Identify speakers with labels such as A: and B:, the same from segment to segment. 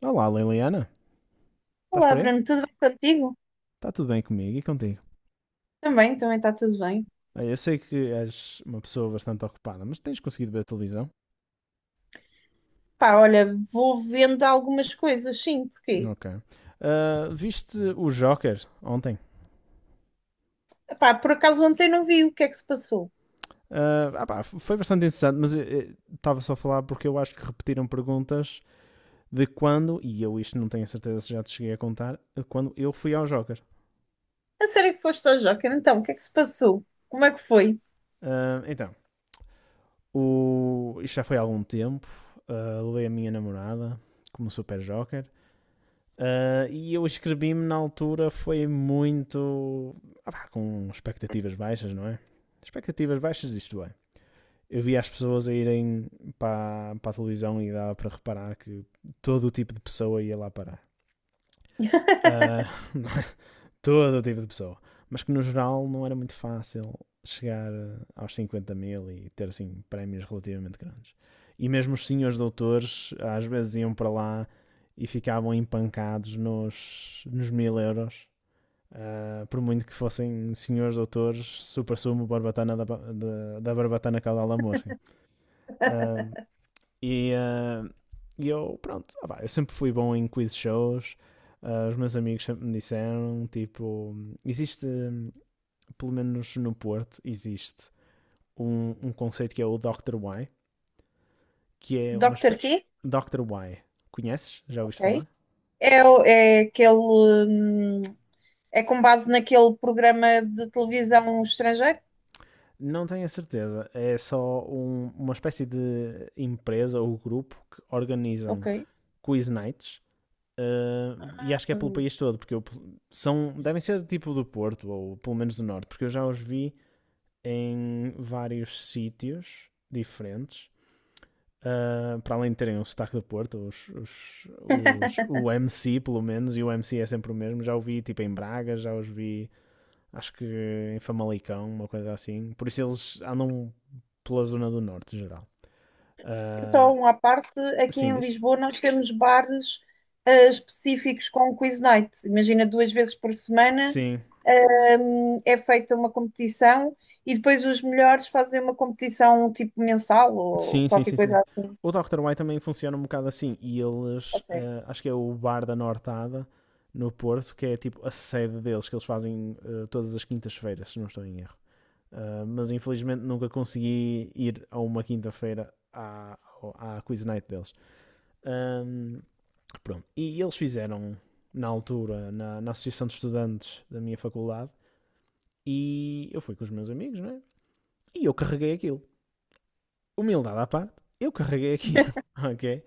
A: Olá, Liliana. Estás
B: Olá,
A: por aí?
B: Bruno, tudo bem contigo?
A: Está tudo bem comigo e contigo?
B: Também está tudo bem.
A: Eu sei que és uma pessoa bastante ocupada, mas tens conseguido ver a televisão?
B: Pá, olha, vou vendo algumas coisas, sim, porque,
A: Ok. Viste o Joker ontem?
B: pá, por acaso ontem não vi o que é que se passou.
A: Ah pá, foi bastante interessante, mas estava só a falar porque eu acho que repetiram perguntas de quando, e eu isto não tenho a certeza se já te cheguei a contar, quando eu fui ao Joker.
B: A sério que foste ao Joker, então, o que é que se passou? Como é que foi?
A: Ah, então, o, isto já foi há algum tempo. Ah, levei a minha namorada como super Joker. E eu escrevi-me na altura, foi muito. Ah, com expectativas baixas, não é? Expectativas baixas, isto é. Eu via as pessoas a irem para a televisão e dava para reparar que todo o tipo de pessoa ia lá parar. Ah, todo o tipo de pessoa. Mas que no geral não era muito fácil chegar aos 50 mil e ter assim prémios relativamente grandes. E mesmo os senhores doutores às vezes iam para lá e ficavam empancados nos 1000 euros. Ah, por muito que fossem senhores doutores, super sumo, barbatana da barbatana caudal da mosca. Ah, e, ah, pronto, ah pá, eu sempre fui bom em quiz shows. Ah, os meus amigos sempre me disseram tipo: existe, pelo menos no Porto, existe um conceito que é o Dr. Y, que é uma
B: Doctor
A: espécie.
B: quê?
A: Dr. Y, conheces? Já ouviste
B: Ok.
A: falar?
B: É, é aquele, hum, é com base naquele programa de televisão estrangeiro?
A: Não tenho a certeza, é só uma espécie de empresa ou grupo que
B: Ok.
A: organizam quiz nights. E acho que é pelo
B: Hum.
A: país todo, porque eu, são, devem ser tipo do Porto, ou pelo menos do Norte, porque eu já os vi em vários sítios diferentes, para além de terem o sotaque do Porto, o MC pelo menos, e o MC é sempre o mesmo, já o vi tipo em Braga, já os vi acho que em Famalicão, uma coisa assim, por isso eles andam pela zona do Norte, em geral. Uh,
B: Então, à parte, aqui
A: assim
B: em
A: diz?
B: Lisboa nós temos bares específicos com quiz night. Imagina duas vezes por semana
A: Sim,
B: é feita uma competição e depois os melhores fazem uma competição tipo mensal ou
A: sim, sim,
B: qualquer
A: sim, sim.
B: coisa assim.
A: O Dr. White também funciona um bocado assim. E eles,
B: Ok,
A: eh, acho que é o Bar da Nortada, no Porto, que é tipo a sede deles, que eles fazem todas as quintas-feiras, se não estou em erro. Eh, mas infelizmente nunca consegui ir a uma quinta-feira à Quiz Night deles. Ahm, pronto. E eles fizeram, na altura, na Associação de Estudantes da minha faculdade, e eu fui com os meus amigos, não é? E eu carreguei aquilo. Humildade à parte, eu carreguei aquilo, ok?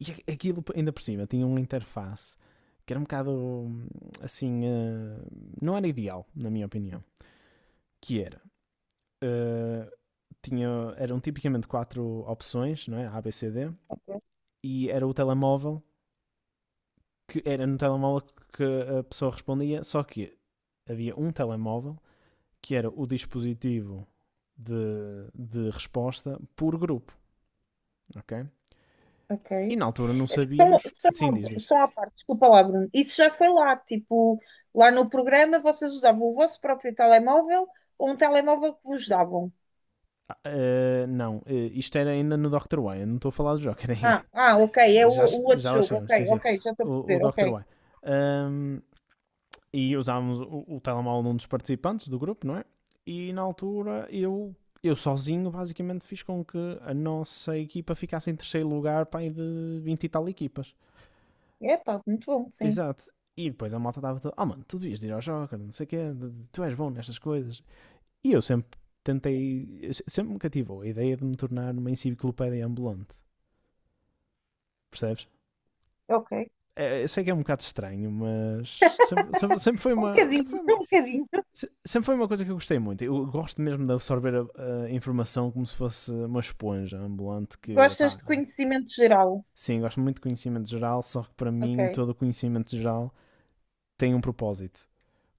A: E aquilo ainda por cima tinha uma interface que era um bocado assim, não era ideal, na minha opinião. Que era, eh, tinha, eram tipicamente quatro opções, não é? A, B, C, D,
B: ok.
A: e era o telemóvel, que era no telemóvel que a pessoa respondia, só que havia um telemóvel que era o dispositivo de resposta por grupo, ok? E
B: Ok.
A: na altura não
B: São,
A: sabíamos.
B: são,
A: Sim, diz,
B: à-
A: diz.
B: são à parte, desculpa lá, Bruno. Isso já foi lá, tipo, lá no programa vocês usavam o vosso próprio telemóvel ou um telemóvel que vos davam.
A: Não, isto era ainda no Dr. Why, eu não estou a falar do Joker
B: Ah,
A: ainda.
B: ah, ok, é o,
A: Já,
B: o outro
A: já lá
B: jogo,
A: chegamos, sim,
B: ok,
A: sim.
B: ok, já estou a
A: O
B: perceber,
A: Dr.
B: ok.
A: Why. Ahm, e usávamos o telemóvel de um dos participantes do grupo, não é? E na altura eu sozinho basicamente fiz com que a nossa equipa ficasse em terceiro lugar para de 20 e tal equipas.
B: Epá, muito bom, sim.
A: Exato. E depois a malta estava toda: oh mano, tu devias de ir ao Joker, não sei o quê, tu és bom nestas coisas. E eu sempre tentei, sempre me cativou a ideia de me tornar uma enciclopédia ambulante. Percebes?
B: Ok.
A: É, eu sei que é um bocado estranho, mas sempre foi
B: Um
A: uma,
B: bocadinho,
A: foi uma,
B: um bocadinho.
A: sempre foi uma coisa que eu gostei muito. Eu gosto mesmo de absorver a informação como se fosse uma esponja ambulante que,
B: Gostas
A: opá,
B: de
A: é-
B: conhecimento geral?
A: sim, gosto muito de conhecimento geral, só que para mim
B: Ok,
A: todo o conhecimento geral tem um propósito.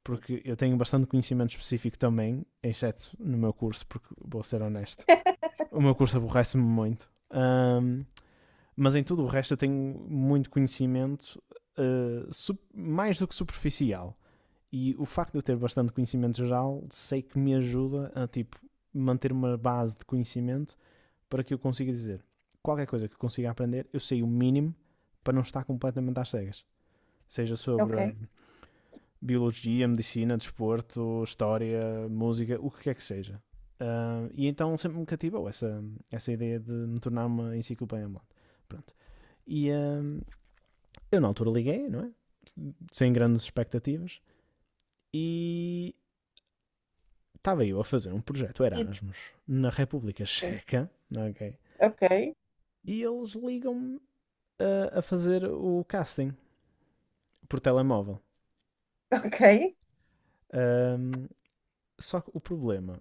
A: Porque eu tenho bastante conhecimento específico também, exceto no meu curso, porque vou ser honesto. O meu curso aborrece-me muito. Mas em tudo o resto eu tenho muito conhecimento, mais do que superficial. E o facto de eu ter bastante conhecimento geral, sei que me ajuda a tipo manter uma base de conhecimento para que eu consiga dizer qualquer coisa que eu consiga aprender, eu sei o mínimo para não estar completamente às cegas. Seja sobre
B: ok.
A: biologia, medicina, desporto, história, música, o que quer que seja. Ah, e então sempre me cativou essa, essa ideia de me tornar uma enciclopédia ambulante. Pronto. E, hum, eu na altura liguei, não é? Sem grandes expectativas. E estava eu a fazer um projeto Erasmus na República Checa, ok?
B: Ok,
A: E eles ligam-me a fazer o casting por telemóvel.
B: ok.
A: Ahm, só que o problema,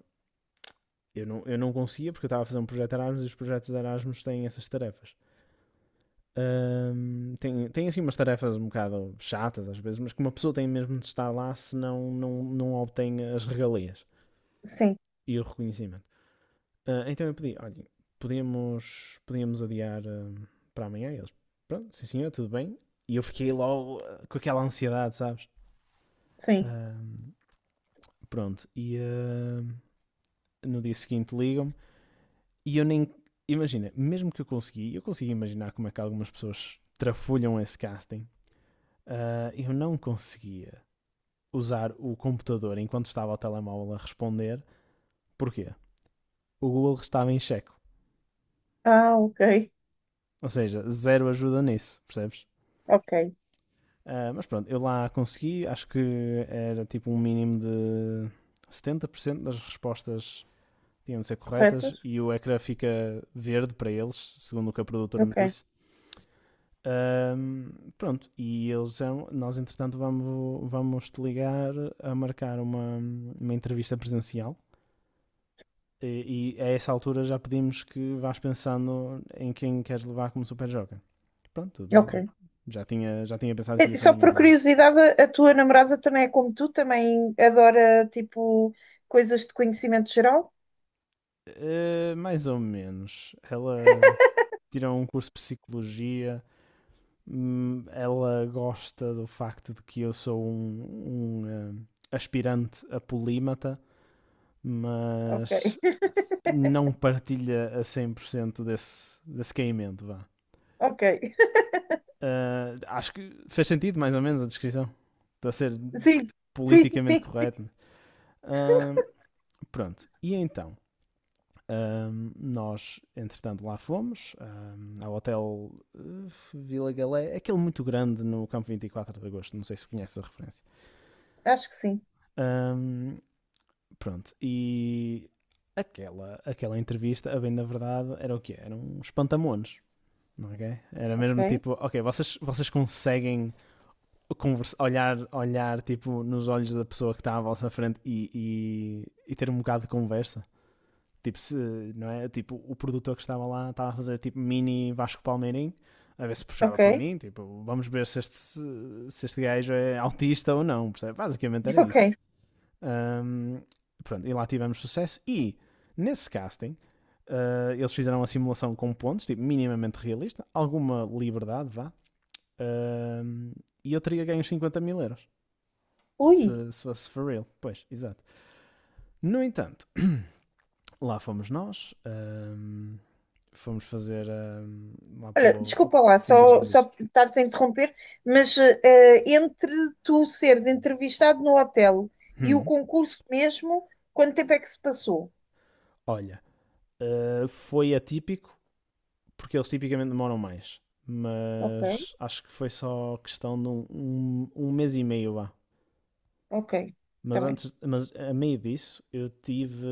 A: eu não conseguia porque eu estava a fazer um projeto Erasmus e os projetos Erasmus têm essas tarefas. Tem assim umas tarefas um bocado chatas às vezes, mas que uma pessoa tem mesmo de estar lá senão não obtém as regalias
B: Sim,
A: e o reconhecimento. Ah, então eu pedi: olhem, podemos adiar para amanhã? E eles, pronto, sim senhor, tudo bem. E eu fiquei logo com aquela ansiedade, sabes?
B: sim.
A: Ah, pronto, no dia seguinte ligam-me e eu nem, imagina, mesmo que eu consegui imaginar como é que algumas pessoas trafulham esse casting. Ah, eu não conseguia usar o computador enquanto estava ao telemóvel a responder. Porquê? O Google estava em checo.
B: Ah, ok,
A: Ou seja, zero ajuda nisso, percebes?
B: ok.
A: Ah, mas pronto, eu lá consegui, acho que era tipo um mínimo de 70% das respostas tinham de ser corretas
B: Corretos?
A: e o ecrã fica verde para eles, segundo o que a produtora me
B: Ok,
A: disse. Ahm, pronto, e eles são, nós entretanto vamos te ligar a marcar uma entrevista presencial. E a essa altura já pedimos que vás pensando em quem queres levar como super joker. Pronto, tudo
B: ok.
A: bem. Já tinha pensado que
B: Eh,
A: ia ser
B: só
A: na
B: por
A: minha, não.
B: curiosidade, a tua namorada também é como tu? Também adora, tipo, coisas de conhecimento geral?
A: Eh, mais ou menos. Ela tirou um curso de psicologia. Ela gosta do facto de que eu sou um aspirante a polímata,
B: Ok,
A: mas não partilha a 100% desse, desse caimento, vá.
B: ok.
A: Eh, acho que fez sentido, mais ou menos, a descrição. Estou a ser
B: Sim, sim,
A: politicamente
B: sim, sim.
A: correto. Ah, pronto. E então? Nós, entretanto, lá fomos ao hotel Vila Galé, aquele muito grande no campo 24 de agosto. Não sei se conhece a referência.
B: Acho que sim.
A: Ahm, pronto, e aquela, aquela entrevista, a bem da verdade, era o quê? Era um espantamones. Ok? Era
B: Ok,
A: mesmo tipo: ok, vocês conseguem conversa, olhar, olhar tipo nos olhos da pessoa que está à vossa frente e, e ter um bocado de conversa? Tipo, se, não é? Tipo, o produtor que estava lá estava a fazer tipo mini Vasco Palmeirinho, a ver se puxava
B: ok,
A: por mim. Tipo, vamos ver se este, se este gajo é autista ou não, percebe? Basicamente era isso.
B: ok.
A: Um, pronto, e lá tivemos sucesso. E nesse casting, eles fizeram a simulação com pontos, tipo, minimamente realista, alguma liberdade, vá. Um, e eu teria ganho 50 mil euros
B: Ui.
A: se, se fosse for real. Pois, exato. No entanto, lá fomos nós. Um, fomos fazer lá para
B: Olha,
A: o.
B: desculpa lá,
A: Sim, diz,
B: só,
A: diz,
B: só
A: diz.
B: estar-te a interromper, mas entre tu seres entrevistado no hotel e o
A: Hum,
B: concurso mesmo, quanto tempo é que se passou?
A: olha, foi atípico, porque eles tipicamente demoram mais.
B: Ok,
A: Mas acho que foi só questão de um mês e meio lá.
B: ok, está
A: Mas
B: bem,
A: antes, mas a meio disso, eu tive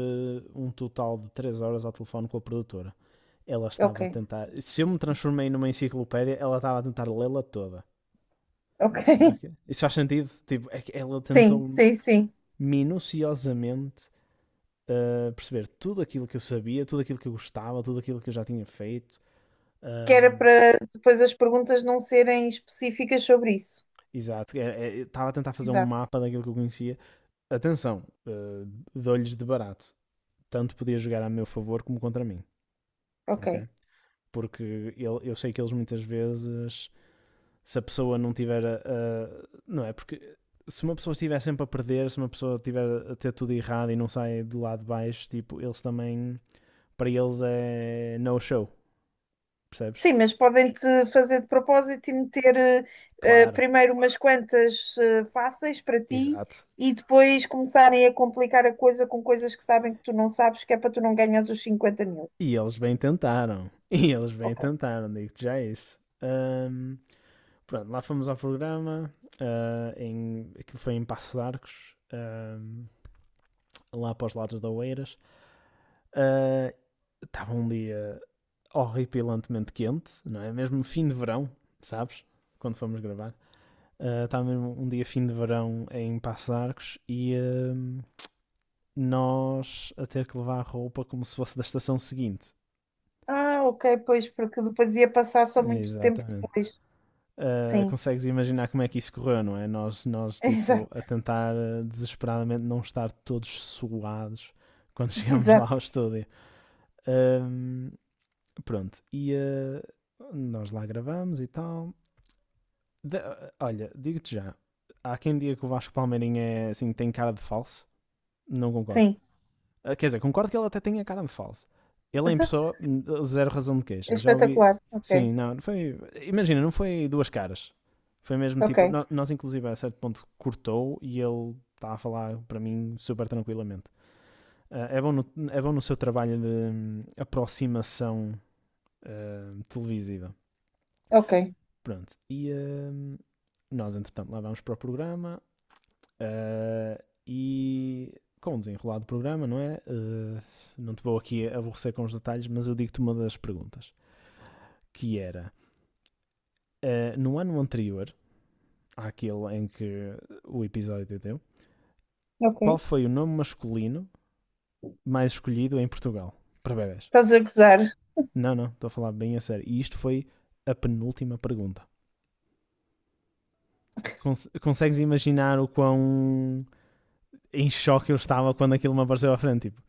A: um total de 3 horas ao telefone com a produtora. Ela estava a
B: ok,
A: tentar. Se eu me transformei numa enciclopédia, ela estava a tentar lê-la toda.
B: ok.
A: Ok? Isso faz sentido? Tipo, é que ela
B: Sim,
A: tentou
B: sim, sim.
A: minuciosamente perceber tudo aquilo que eu sabia, tudo aquilo que eu gostava, tudo aquilo que eu já tinha feito.
B: Que era
A: Um,
B: para depois as perguntas não serem específicas sobre isso.
A: exato, é, estava a tentar fazer um
B: Exato,
A: mapa daquilo que eu conhecia. Atenção, dou-lhes de barato. Tanto podia jogar a meu favor como contra mim,
B: ok.
A: ok? Porque ele, eu sei que eles muitas vezes, se a pessoa não tiver. A, não é? Porque se uma pessoa estiver sempre a perder, se uma pessoa estiver a ter tudo errado e não sai do lado de baixo, tipo, eles também, para eles é no show, percebes?
B: Sim, mas podem-te fazer de propósito e meter
A: Claro,
B: primeiro umas quantas fáceis para ti
A: exato.
B: e depois começarem a complicar a coisa com coisas que sabem que tu não sabes, que é para tu não ganhas os 50 mil.
A: E eles bem tentaram. E eles bem
B: Ok.
A: tentaram, digo-te já isso. Pronto, lá fomos ao programa. Aquilo foi em Passo de Arcos, lá para os lados da Oeiras. Ah, estava um dia horripilantemente quente, não é? Mesmo fim de verão, sabes? Quando fomos gravar. Ah, estava mesmo um dia fim de verão em Passo de Arcos e nós a ter que levar a roupa como se fosse da estação seguinte.
B: Ah, ok, pois, porque depois ia passar só muito tempo
A: Exatamente.
B: depois. Sim,
A: Consegues imaginar como é que isso correu, não é? Nós tipo,
B: exato,
A: a tentar desesperadamente não estar todos suados quando chegamos lá
B: exato,
A: ao estúdio. Um, Pronto, e nós lá gravamos e tal. Olha, digo-te já, há quem diga que o Vasco Palmeirinho é, assim, tem cara de falso. Não concordo.
B: sim.
A: Quer dizer, concordo que ele até tem cara de falso. Ele é em pessoa, zero razão de
B: É
A: queixa. Já ouvi.
B: espetacular. Ok,
A: Sim, não, foi. Imagina, não foi duas caras. Foi mesmo
B: ok,
A: tipo. Nós, inclusive, a certo ponto cortou e ele está a falar para mim super tranquilamente. Ah, é bom no seu trabalho de aproximação televisiva.
B: ok,
A: Pronto. E nós, entretanto, lá vamos para o programa. Ah, e com o desenrolar do programa, não é? Não te vou aqui aborrecer com os detalhes, mas eu digo-te uma das perguntas, que era, no ano anterior, àquele em que o episódio deu, qual
B: ok.
A: foi o nome masculino mais escolhido em Portugal para bebés?
B: Estás a gozar.
A: Não, não, estou a falar bem a sério. E isto foi a penúltima pergunta. Consegues imaginar o quão em choque eu estava quando aquilo me apareceu à frente? Tipo,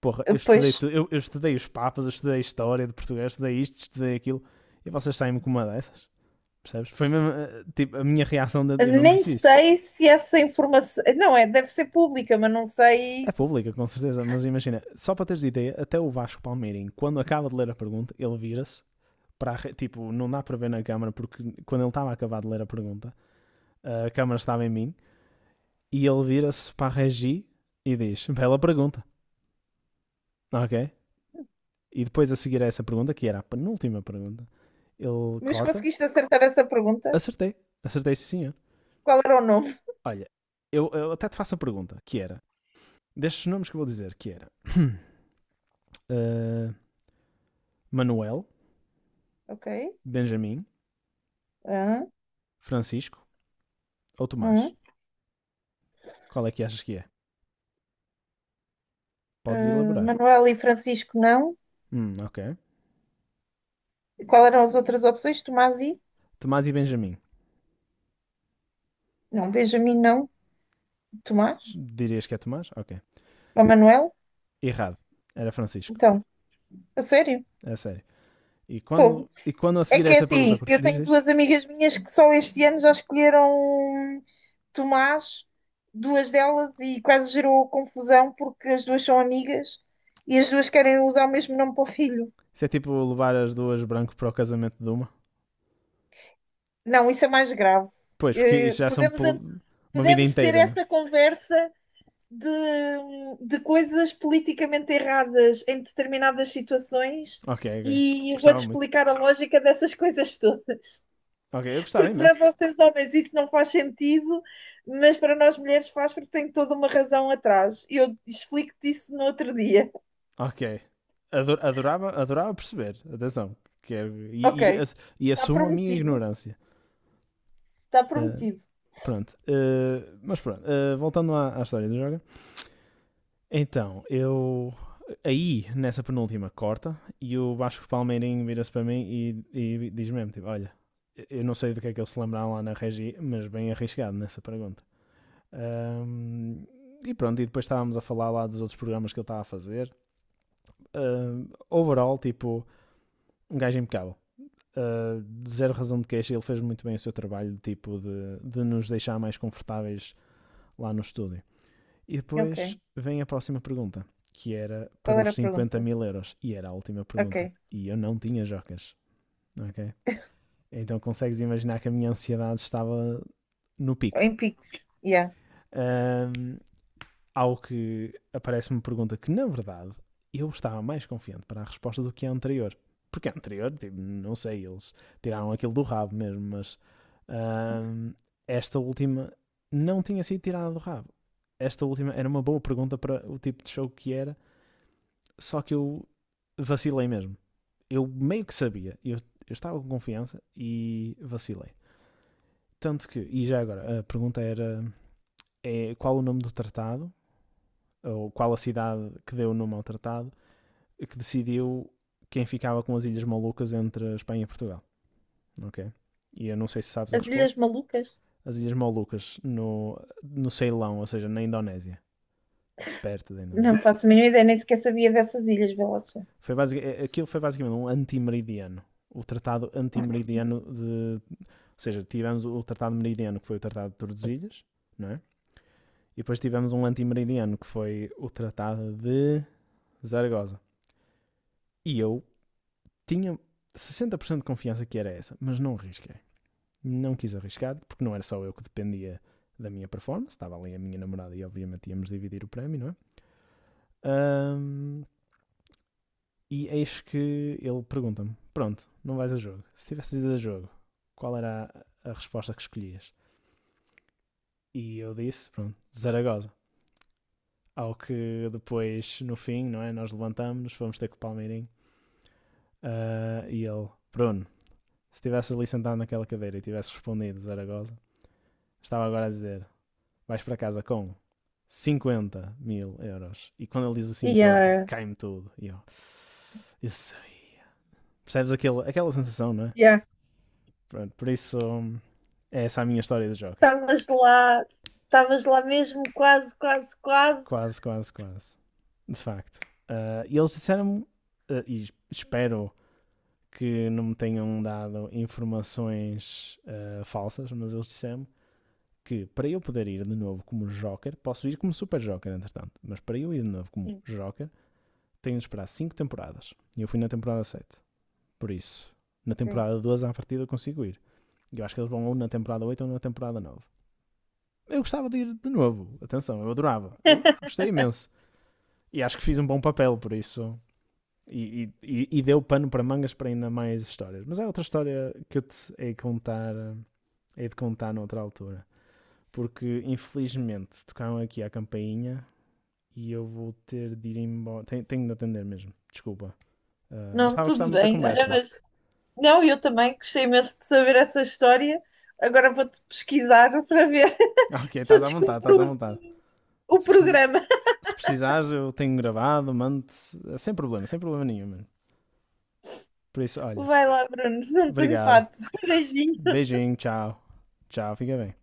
A: porra, eu
B: Pois,
A: estudei, eu estudei os papas, eu estudei a história de Portugal, eu estudei isto, estudei aquilo, e vocês saem-me com uma dessas, percebes? Foi mesmo, tipo, a minha reação, de, eu não
B: nem
A: disse isso.
B: sei se essa informação. Não, é, deve ser pública, mas não
A: É
B: sei.
A: pública, com certeza, mas imagina, só para teres ideia, até o Vasco Palmeirinho, quando acaba de ler a pergunta, ele vira-se para, a tipo, não dá para ver na câmara, porque quando ele estava a acabar de ler a pergunta, a câmara estava em mim, e ele vira-se para a Regi e diz, bela pergunta, ok? E depois a seguir a essa pergunta, que era a penúltima pergunta, ele
B: Mas
A: corta,
B: conseguiste acertar essa pergunta?
A: acertei, acertei sim.
B: Qual era o nome?
A: Olha, eu até te faço a pergunta, que era, destes nomes que eu vou dizer, que era eh, Manuel,
B: Ok.
A: Benjamin,
B: Ah,
A: Francisco ou Tomás?
B: hum.
A: Qual é que achas que é? Podes
B: Ah,
A: elaborar.
B: Manuel e Francisco, não.
A: Ok.
B: E qual eram as outras opções? Tomás e?
A: Tomás e Benjamin.
B: Não, Benjamin, não. Tomás?
A: Dirias que é Tomás? Ok.
B: Ou Manuel?
A: Errado. Era Francisco.
B: Então, a sério?
A: É sério. E
B: Fogo.
A: quando, e quando a
B: É
A: seguir a
B: que é
A: essa
B: assim,
A: pergunta,
B: eu
A: diz,
B: tenho
A: diz.
B: duas amigas minhas que só este ano já escolheram Tomás, duas delas, e quase gerou confusão porque as duas são amigas e as duas querem usar o mesmo nome para o filho.
A: Isso é tipo levar as duas branco para o casamento de uma?
B: Não, isso é mais grave.
A: Pois, porque
B: Eh,
A: isso já são
B: podemos, an-
A: uma vida
B: podemos ter
A: inteira, né?
B: essa conversa de, de coisas politicamente erradas em determinadas situações
A: Ok, ok.
B: e eu vou-te
A: Gostava muito.
B: explicar a lógica dessas coisas todas.
A: Ok, eu gostava
B: Porque para
A: imenso.
B: vocês homens isso não faz sentido, mas para nós mulheres faz porque tem toda uma razão atrás. E eu explico-te isso no outro dia.
A: Ok. Adorava perceber. Atenção. Quero,
B: Ok,
A: e
B: está
A: assumo a minha
B: prometido.
A: ignorância.
B: Está
A: Ah,
B: prometido.
A: Pronto. Mas pronto. Voltando à história do Joga. Então, eu. Aí, nessa penúltima, corta. E o Vasco Palmeirinho vira-se para mim e diz mesmo: tipo, olha, eu não sei do que é que eles se lembraram lá na regi, mas bem arriscado nessa pergunta. Ahm, e pronto, e depois estávamos a falar lá dos outros programas que ele estava a fazer. Overall, tipo, um gajo impecável. uh, Zero razão de queixa, ele fez muito bem o seu trabalho tipo de nos deixar mais confortáveis lá no estúdio. E
B: Ok.
A: depois vem a próxima pergunta, que era para
B: Qual era
A: os
B: a
A: 50
B: pergunta?
A: mil euros. E era a última pergunta.
B: Ok.
A: E eu não tinha jocas, ok? Então consegues imaginar que a minha ansiedade estava no pico.
B: Em picos. Yeah.
A: Um, Ao que aparece uma pergunta que, na verdade, eu estava mais confiante para a resposta do que a anterior. Porque a anterior, tipo, não sei, eles tiraram aquilo do rabo mesmo, mas hum, esta última não tinha sido tirada do rabo. Esta última era uma boa pergunta para o tipo de show que era, só que eu vacilei mesmo. Eu meio que sabia, eu estava com confiança e vacilei. Tanto que, e já agora, a pergunta era qual o nome do tratado ou qual a cidade que deu o nome ao tratado, que decidiu quem ficava com as Ilhas Malucas entre a Espanha e Portugal, ok? E eu não sei se sabes a
B: As Ilhas
A: resposta.
B: Malucas?
A: As Ilhas Malucas no Ceilão, ou seja, na Indonésia, perto da
B: Não
A: Indonésia.
B: faço a mínima ideia, nem sequer sabia dessas ilhas, vê lá só.
A: Aquilo foi basicamente um anti meridiano. O tratado anti meridiano de... Ou seja, tivemos o tratado meridiano, que foi o tratado de Tordesilhas, não é? E depois tivemos um anti meridiano que foi o tratado de Zaragoza. E eu tinha 60% de confiança que era essa, mas não arrisquei. Não quis arriscar, porque não era só eu que dependia da minha performance, estava ali a minha namorada e obviamente íamos dividir o prémio, não é? Ahm, e eis que ele pergunta-me: Pronto, não vais a jogo. Se tivesse ido a jogo, qual era a, resposta que escolhias? E eu disse: Pronto, Zaragoza. Ao que depois, no fim, não é? Nós levantamos-nos, fomos ter com o Palmeirinho e ele: Bruno, se tivesse ali sentado naquela cadeira e tivesse respondido Zaragoza, estava agora a dizer, vais para casa com 50 mil euros. E quando ele diz o 50
B: Yeah.
A: cai-me tudo. E eu sabia. Percebes aquela sensação, não é?
B: Yeah.
A: Pronto, por isso, é essa a minha história do Joker.
B: Estavas lá, estavas lá mesmo, quase, quase, quase.
A: Quase, quase, quase. De facto. E eles disseram-me, e espero que não me tenham dado informações falsas, mas eles disseram-me que para eu poder ir de novo como Joker, posso ir como Super Joker, entretanto, mas para eu ir de novo como
B: Sim,
A: Joker, tenho de esperar 5 temporadas. E eu fui na temporada 7. Por isso, na
B: ok.
A: temporada 12 à partida eu consigo ir. Eu acho que eles vão ou na temporada 8 ou na temporada 9. Eu gostava de ir de novo. Atenção, eu adorava. Eu gostei imenso. E acho que fiz um bom papel, por isso. E deu pano para mangas para ainda mais histórias. Mas é outra história que eu te hei de contar noutra altura. Porque, infelizmente, tocaram aqui a campainha e eu vou ter de ir embora. Tenho de atender mesmo, desculpa. Mas
B: Não,
A: estava a gostar
B: tudo
A: muito da
B: bem. Olha,
A: conversa.
B: mas não, eu também gostei imenso de saber essa história. Agora vou-te pesquisar para ver
A: Ok,
B: se eu
A: estás à vontade, estás à
B: descubro o
A: vontade.
B: o
A: Se, precis-
B: programa.
A: Se precisares, eu tenho gravado, mando-te. Sem problema, sem problema nenhum, mano. Por isso, olha,
B: Vai lá, Bruno, não tenho
A: obrigado.
B: pato. Beijinho.
A: Beijinho, tchau. Tchau, fica bem.